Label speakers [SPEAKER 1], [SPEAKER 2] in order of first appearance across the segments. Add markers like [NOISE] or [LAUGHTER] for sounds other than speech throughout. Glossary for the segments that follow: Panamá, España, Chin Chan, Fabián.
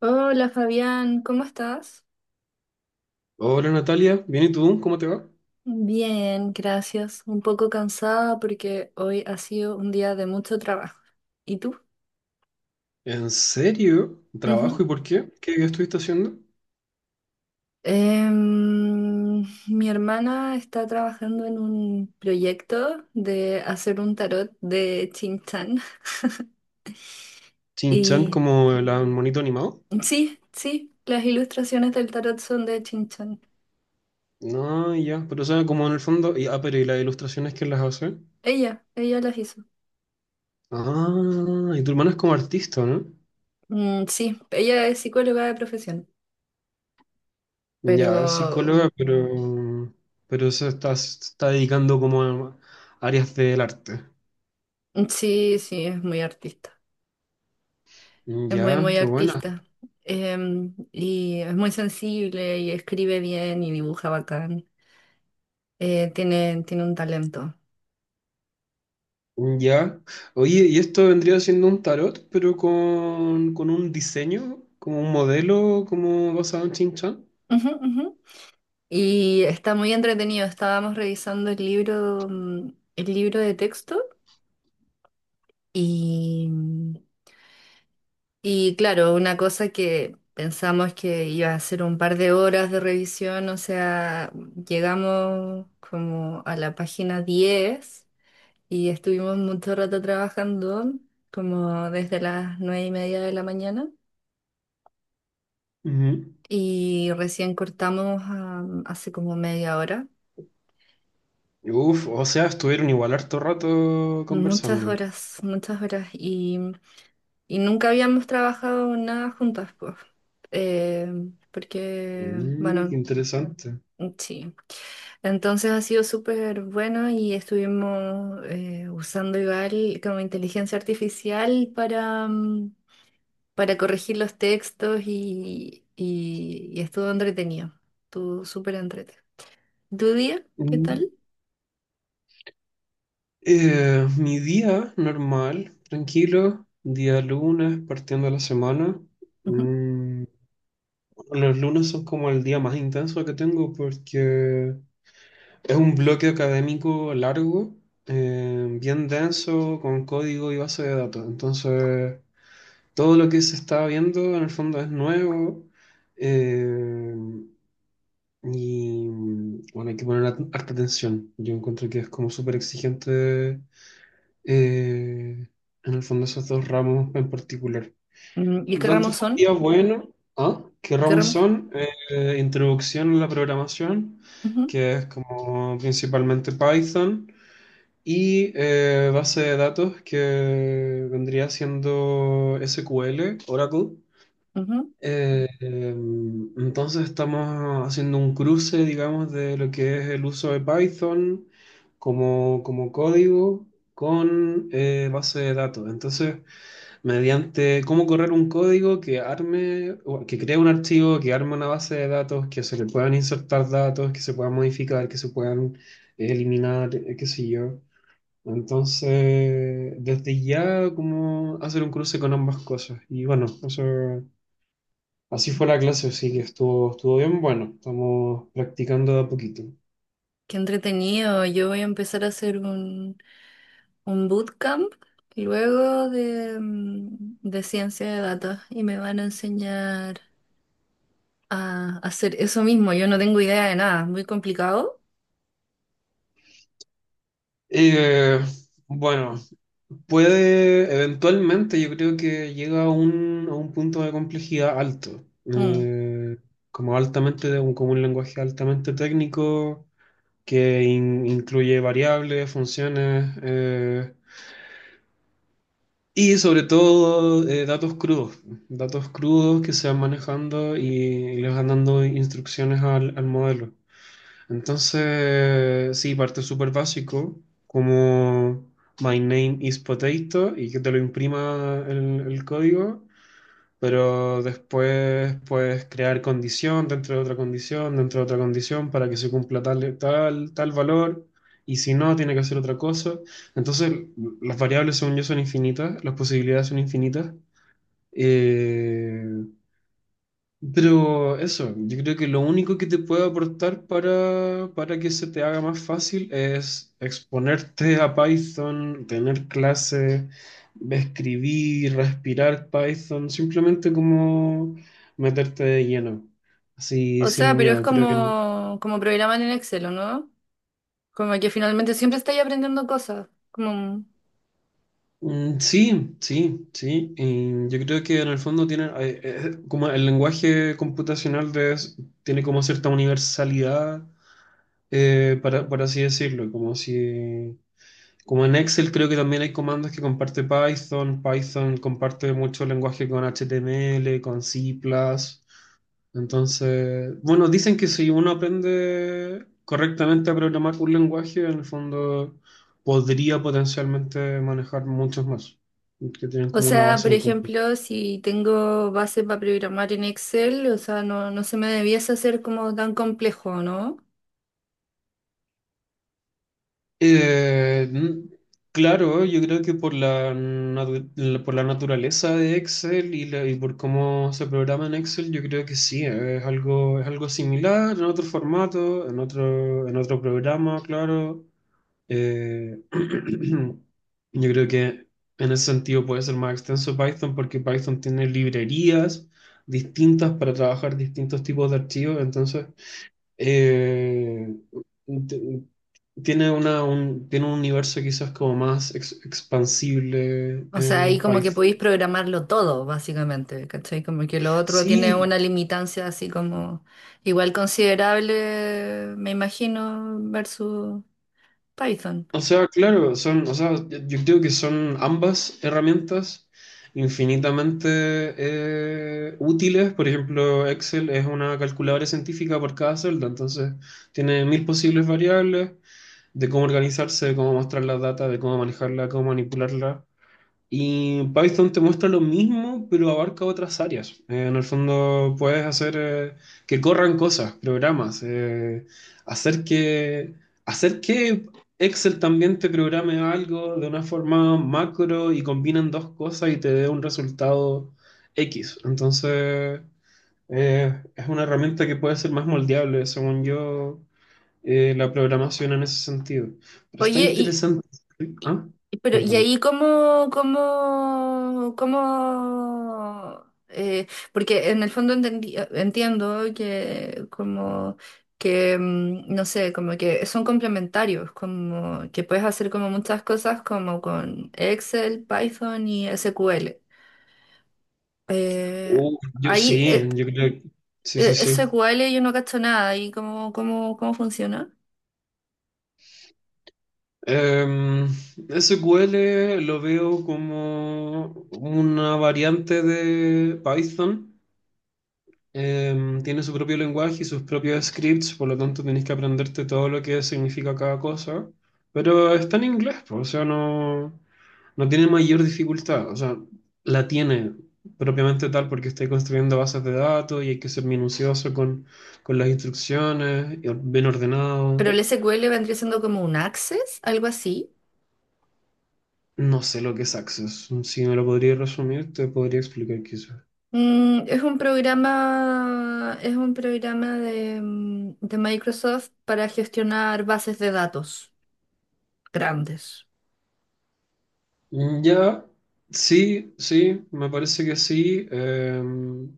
[SPEAKER 1] Hola Fabián, ¿cómo estás?
[SPEAKER 2] Hola Natalia, ¿bien y tú? ¿Cómo te va?
[SPEAKER 1] Bien, gracias. Un poco cansada porque hoy ha sido un día de mucho trabajo. ¿Y tú?
[SPEAKER 2] ¿En serio?
[SPEAKER 1] Ujú.
[SPEAKER 2] ¿Trabajo y por qué? ¿Qué, estuviste haciendo?
[SPEAKER 1] Em, mi hermana está trabajando en un proyecto de hacer un tarot de Chin Chan.
[SPEAKER 2] ¿Chinchan
[SPEAKER 1] Y
[SPEAKER 2] como el monito animado?
[SPEAKER 1] sí, sí, las ilustraciones del tarot son de Chin Chan.
[SPEAKER 2] No, ya, pero o sea, como en el fondo, pero ¿y las ilustraciones que las hace?
[SPEAKER 1] Ella las hizo.
[SPEAKER 2] Ah, y tu hermana es como artista, ¿no?
[SPEAKER 1] Mm, sí, ella es psicóloga de profesión, pero
[SPEAKER 2] Ya, es psicóloga, pero, se está dedicando como a áreas del arte.
[SPEAKER 1] sí, sí, es muy artista. Es muy,
[SPEAKER 2] Ya,
[SPEAKER 1] muy
[SPEAKER 2] qué buena.
[SPEAKER 1] artista. Y es muy sensible y escribe bien y dibuja bacán. Tiene un talento.
[SPEAKER 2] Ya. Oye, y esto vendría siendo un tarot, pero con un diseño, como un modelo, como basado en Shin Chan.
[SPEAKER 1] Ujú, ujú. Y está muy entretenido. Estábamos revisando el libro, el libro de texto y, y claro, una cosa que pensamos que iba a ser un par de horas de revisión, o sea, llegamos como a la página diez y estuvimos mucho rato trabajando, como desde las nueve y media de la mañana,
[SPEAKER 2] Ujú.
[SPEAKER 1] y recién cortamos hace como media hora.
[SPEAKER 2] Uf, o sea, estuvieron igual harto rato conversando.
[SPEAKER 1] Muchas horas, y nunca habíamos trabajado nada juntas, pues. Eh, porque,
[SPEAKER 2] Mm, qué
[SPEAKER 1] bueno,
[SPEAKER 2] interesante.
[SPEAKER 1] sí. Entonces ha sido súper bueno y estuvimos usando igual como inteligencia artificial para, para corregir los textos y estuvo entretenido. Estuvo súper entretenido. ¿Tu día? ¿Qué
[SPEAKER 2] Mm.
[SPEAKER 1] tal?
[SPEAKER 2] Mi día normal, tranquilo, día lunes, partiendo la semana.
[SPEAKER 1] Ujú.
[SPEAKER 2] Mm, bueno, los lunes son como el día más intenso que tengo porque es un bloque académico largo, bien denso, con código y base de datos. Entonces, todo lo que se está viendo en el fondo es nuevo, eh, y bueno, hay que poner harta atención. Yo encuentro que es como súper exigente, eh, en el fondo esos dos ramos en particular.
[SPEAKER 1] Mm, ¿y
[SPEAKER 2] Por lo
[SPEAKER 1] qué
[SPEAKER 2] tanto,
[SPEAKER 1] ramos
[SPEAKER 2] fue un
[SPEAKER 1] son?
[SPEAKER 2] día bueno. ¿Ah? ¿Qué
[SPEAKER 1] ¿Y qué
[SPEAKER 2] ramos
[SPEAKER 1] ramos?
[SPEAKER 2] son? Introducción a la programación,
[SPEAKER 1] Ujú,
[SPEAKER 2] que es como principalmente Python. Y base de datos que vendría siendo SQL, Oracle.
[SPEAKER 1] ujú.
[SPEAKER 2] Entonces estamos haciendo un cruce, digamos, de lo que es el uso de Python como código con base de datos. Entonces, mediante cómo correr un código que arme, o que cree un archivo, que arme una base de datos, que se le puedan insertar datos, que se puedan modificar, que se puedan eliminar, qué sé yo. Entonces, desde ya, como hacer un cruce con ambas cosas. Y bueno, eso, así fue la clase, así que estuvo bien. Bueno, estamos practicando de a poquito.
[SPEAKER 1] Qué entretenido. Yo voy a empezar a hacer un bootcamp luego de, de ciencia de datos y me van a enseñar a hacer eso mismo. Yo no tengo idea de nada. Muy complicado.
[SPEAKER 2] Eh, bueno, puede, eventualmente, yo creo que llega a un punto de complejidad alto.
[SPEAKER 1] Mm.
[SPEAKER 2] Como altamente, como un lenguaje altamente técnico que incluye variables, funciones. Y sobre todo datos crudos que se van manejando y les van dando instrucciones al modelo. Entonces, sí, parte súper básico, como "my name is potato" y que te lo imprima el código, pero después puedes crear condición dentro de otra condición, dentro de otra condición para que se cumpla tal, tal, tal valor, y si no, tiene que hacer otra cosa. Entonces, las variables, según yo, son infinitas, las posibilidades son infinitas. Eh, pero eso, yo creo que lo único que te puede aportar para que se te haga más fácil es exponerte a Python, tener clase, escribir, respirar Python, simplemente como meterte de lleno, así
[SPEAKER 1] O sea,
[SPEAKER 2] sin
[SPEAKER 1] pero es
[SPEAKER 2] miedo. Creo que
[SPEAKER 1] como, como programar en Excel, ¿o no? Como que finalmente siempre estáis aprendiendo cosas. Como,
[SPEAKER 2] sí, sí, sí. Y yo creo que en el fondo tiene, como el lenguaje computacional tiene como cierta universalidad, para, por así decirlo, como si... Como en Excel creo que también hay comandos que comparte Python. Python comparte mucho lenguaje con HTML, con C++. Entonces, bueno, dicen que si uno aprende correctamente a programar un lenguaje, en el fondo podría potencialmente manejar muchos más, que tienen
[SPEAKER 1] o
[SPEAKER 2] como una
[SPEAKER 1] sea,
[SPEAKER 2] base
[SPEAKER 1] por
[SPEAKER 2] en común.
[SPEAKER 1] ejemplo, si tengo base para programar en Excel, o sea, no se me debiese hacer como tan complejo, ¿no?
[SPEAKER 2] Eh, mm, claro, yo creo que por por la naturaleza de Excel y por cómo se programa en Excel, yo creo que sí, es algo similar en otro formato, en otro programa, claro. Eh, [CLEARS THROAT] yo creo que en ese sentido puede ser más extenso Python porque Python tiene librerías distintas para trabajar distintos tipos de archivos, entonces... Eh, t- tiene tiene un universo quizás como más expansible
[SPEAKER 1] O sea, ahí
[SPEAKER 2] en
[SPEAKER 1] como que
[SPEAKER 2] Python.
[SPEAKER 1] podéis programarlo todo, básicamente, ¿cachai? Como que lo otro tiene
[SPEAKER 2] Sí,
[SPEAKER 1] una limitancia así como igual considerable, me imagino, versus Python.
[SPEAKER 2] o sea, claro, son, o sea, yo creo que son ambas herramientas infinitamente útiles. Por ejemplo, Excel es una calculadora científica por cada celda, entonces tiene mil posibles variables de cómo organizarse, de cómo mostrar la data, de cómo manejarla, cómo manipularla. Y Python te muestra lo mismo, pero abarca otras áreas. En el fondo puedes hacer que corran cosas, programas, hacer que, hacer que Excel también te programe algo de una forma macro y combinan dos cosas y te dé un resultado X. Entonces, es una herramienta que puede ser más moldeable, según yo, la programación en ese sentido. Pero está
[SPEAKER 1] Oye, y
[SPEAKER 2] interesante. ¿Ah?
[SPEAKER 1] pero, ¿y
[SPEAKER 2] Cuéntame.
[SPEAKER 1] ahí cómo, porque en el fondo entiendo que como que, no sé, como que son complementarios, como que puedes hacer como muchas cosas como con Excel, Python y SQL. Eh,
[SPEAKER 2] Yo
[SPEAKER 1] ahí,
[SPEAKER 2] sí,
[SPEAKER 1] eh,
[SPEAKER 2] yo creo. Sí, sí, sí.
[SPEAKER 1] SQL yo no cacho nada, ¿y cómo, cómo funciona?
[SPEAKER 2] Em, SQL lo veo como una variante de Python. Tiene su propio lenguaje y sus propios scripts, por lo tanto tenés que aprenderte todo lo que significa cada cosa. Pero está en inglés, pues, o sea, no, no tiene mayor dificultad. O sea, la tiene propiamente tal porque estoy construyendo bases de datos y hay que ser minucioso con las instrucciones, y bien ordenado.
[SPEAKER 1] Pero el SQL vendría siendo como un Access, algo así.
[SPEAKER 2] No sé lo que es Access. Si me lo podría resumir, te podría explicar quizás.
[SPEAKER 1] Mm, es un programa de, de Microsoft para gestionar bases de datos grandes.
[SPEAKER 2] Ya, sí, sí, me parece que sí.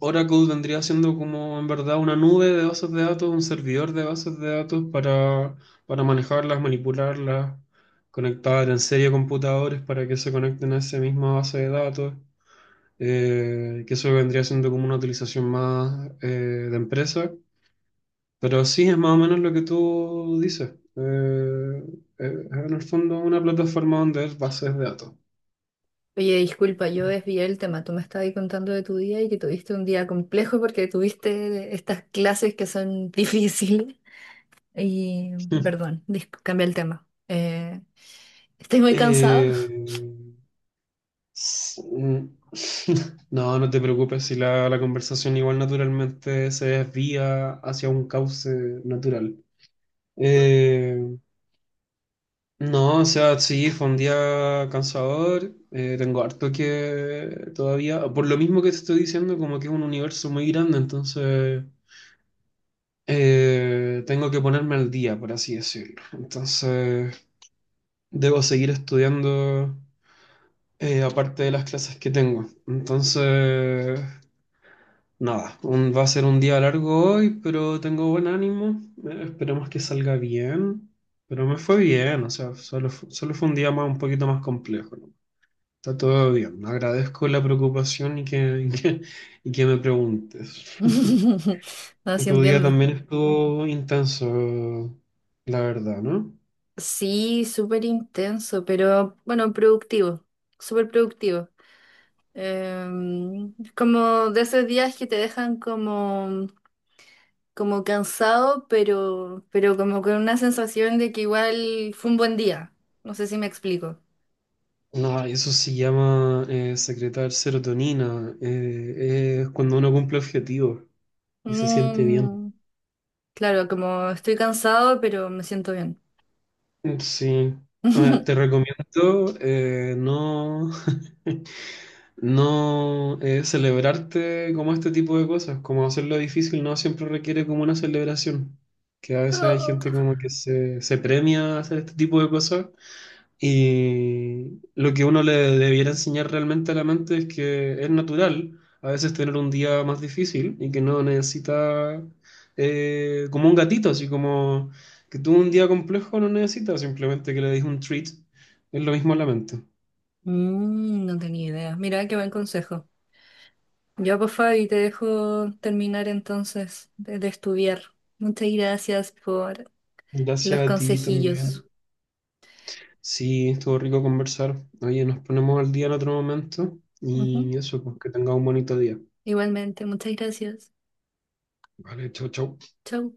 [SPEAKER 2] Oracle vendría siendo como en verdad una nube de bases de datos, un servidor de bases de datos para manejarlas, manipularlas, conectar en serie computadores para que se conecten a esa misma base de datos. Que eso vendría siendo como una utilización más, de empresa. Pero sí, es más o menos lo que tú dices. Eh, en el fondo, una plataforma donde hay bases de datos.
[SPEAKER 1] Oye, disculpa, yo desvié el tema. Tú me estabas contando de tu día y que tuviste un día complejo porque tuviste estas clases que son [LAUGHS] difíciles. Y,
[SPEAKER 2] [LAUGHS]
[SPEAKER 1] perdón, cambié el tema. ¿Estoy muy cansada?
[SPEAKER 2] Eh, s- mm, [LAUGHS] no, no te preocupes si la conversación igual naturalmente se desvía hacia un cauce natural. Eh, no, o sea, sí, fue un día cansador. Tengo harto que todavía, por lo mismo que te estoy diciendo, como que es un universo muy grande, entonces... Tengo que ponerme al día, por así decirlo. Entonces, debo seguir estudiando, aparte de las clases que tengo. Entonces, nada, va a ser un día largo hoy, pero tengo buen ánimo. Esperemos que salga bien. Pero me fue bien, o sea, solo fue un día más, un poquito más complejo, ¿no? Está todo bien. Agradezco la preocupación [LAUGHS] y que me preguntes. [LAUGHS]
[SPEAKER 1] [LAUGHS] No, sí
[SPEAKER 2] Tu día
[SPEAKER 1] entiendo.
[SPEAKER 2] también estuvo intenso, la verdad, ¿no?
[SPEAKER 1] Sí, súper intenso, pero bueno, productivo, súper productivo. Em, como de esos días que te dejan como, como cansado, pero como con una sensación de que igual fue un buen día. No sé si me explico.
[SPEAKER 2] No, eso se llama, secretar serotonina. Es cuando uno cumple objetivos y se siente bien.
[SPEAKER 1] Mm, claro, como estoy cansado, pero me siento bien.
[SPEAKER 2] Sí. Ah, te
[SPEAKER 1] [LAUGHS]
[SPEAKER 2] recomiendo, [LAUGHS] no celebrarte como este tipo de cosas, como hacerlo difícil no siempre requiere como una celebración, que a veces hay gente como que se premia a hacer este tipo de cosas. Y lo que uno le debiera enseñar realmente a la mente es que es natural a veces tener un día más difícil y que no necesita, como un gatito, así como que tuvo un día complejo, no necesita simplemente que le des un treat. Es lo mismo a la mente.
[SPEAKER 1] Mm, no tenía idea. Mira, qué buen consejo. Ya, pues Fabi, te dejo terminar entonces de estudiar. Muchas gracias por los
[SPEAKER 2] Gracias a ti también.
[SPEAKER 1] consejillos.
[SPEAKER 2] Sí, estuvo rico conversar. Oye, nos ponemos al día en otro momento
[SPEAKER 1] Ujú.
[SPEAKER 2] y eso, pues que tenga un bonito día.
[SPEAKER 1] Igualmente, muchas gracias.
[SPEAKER 2] Vale, chau, chau.
[SPEAKER 1] Chau.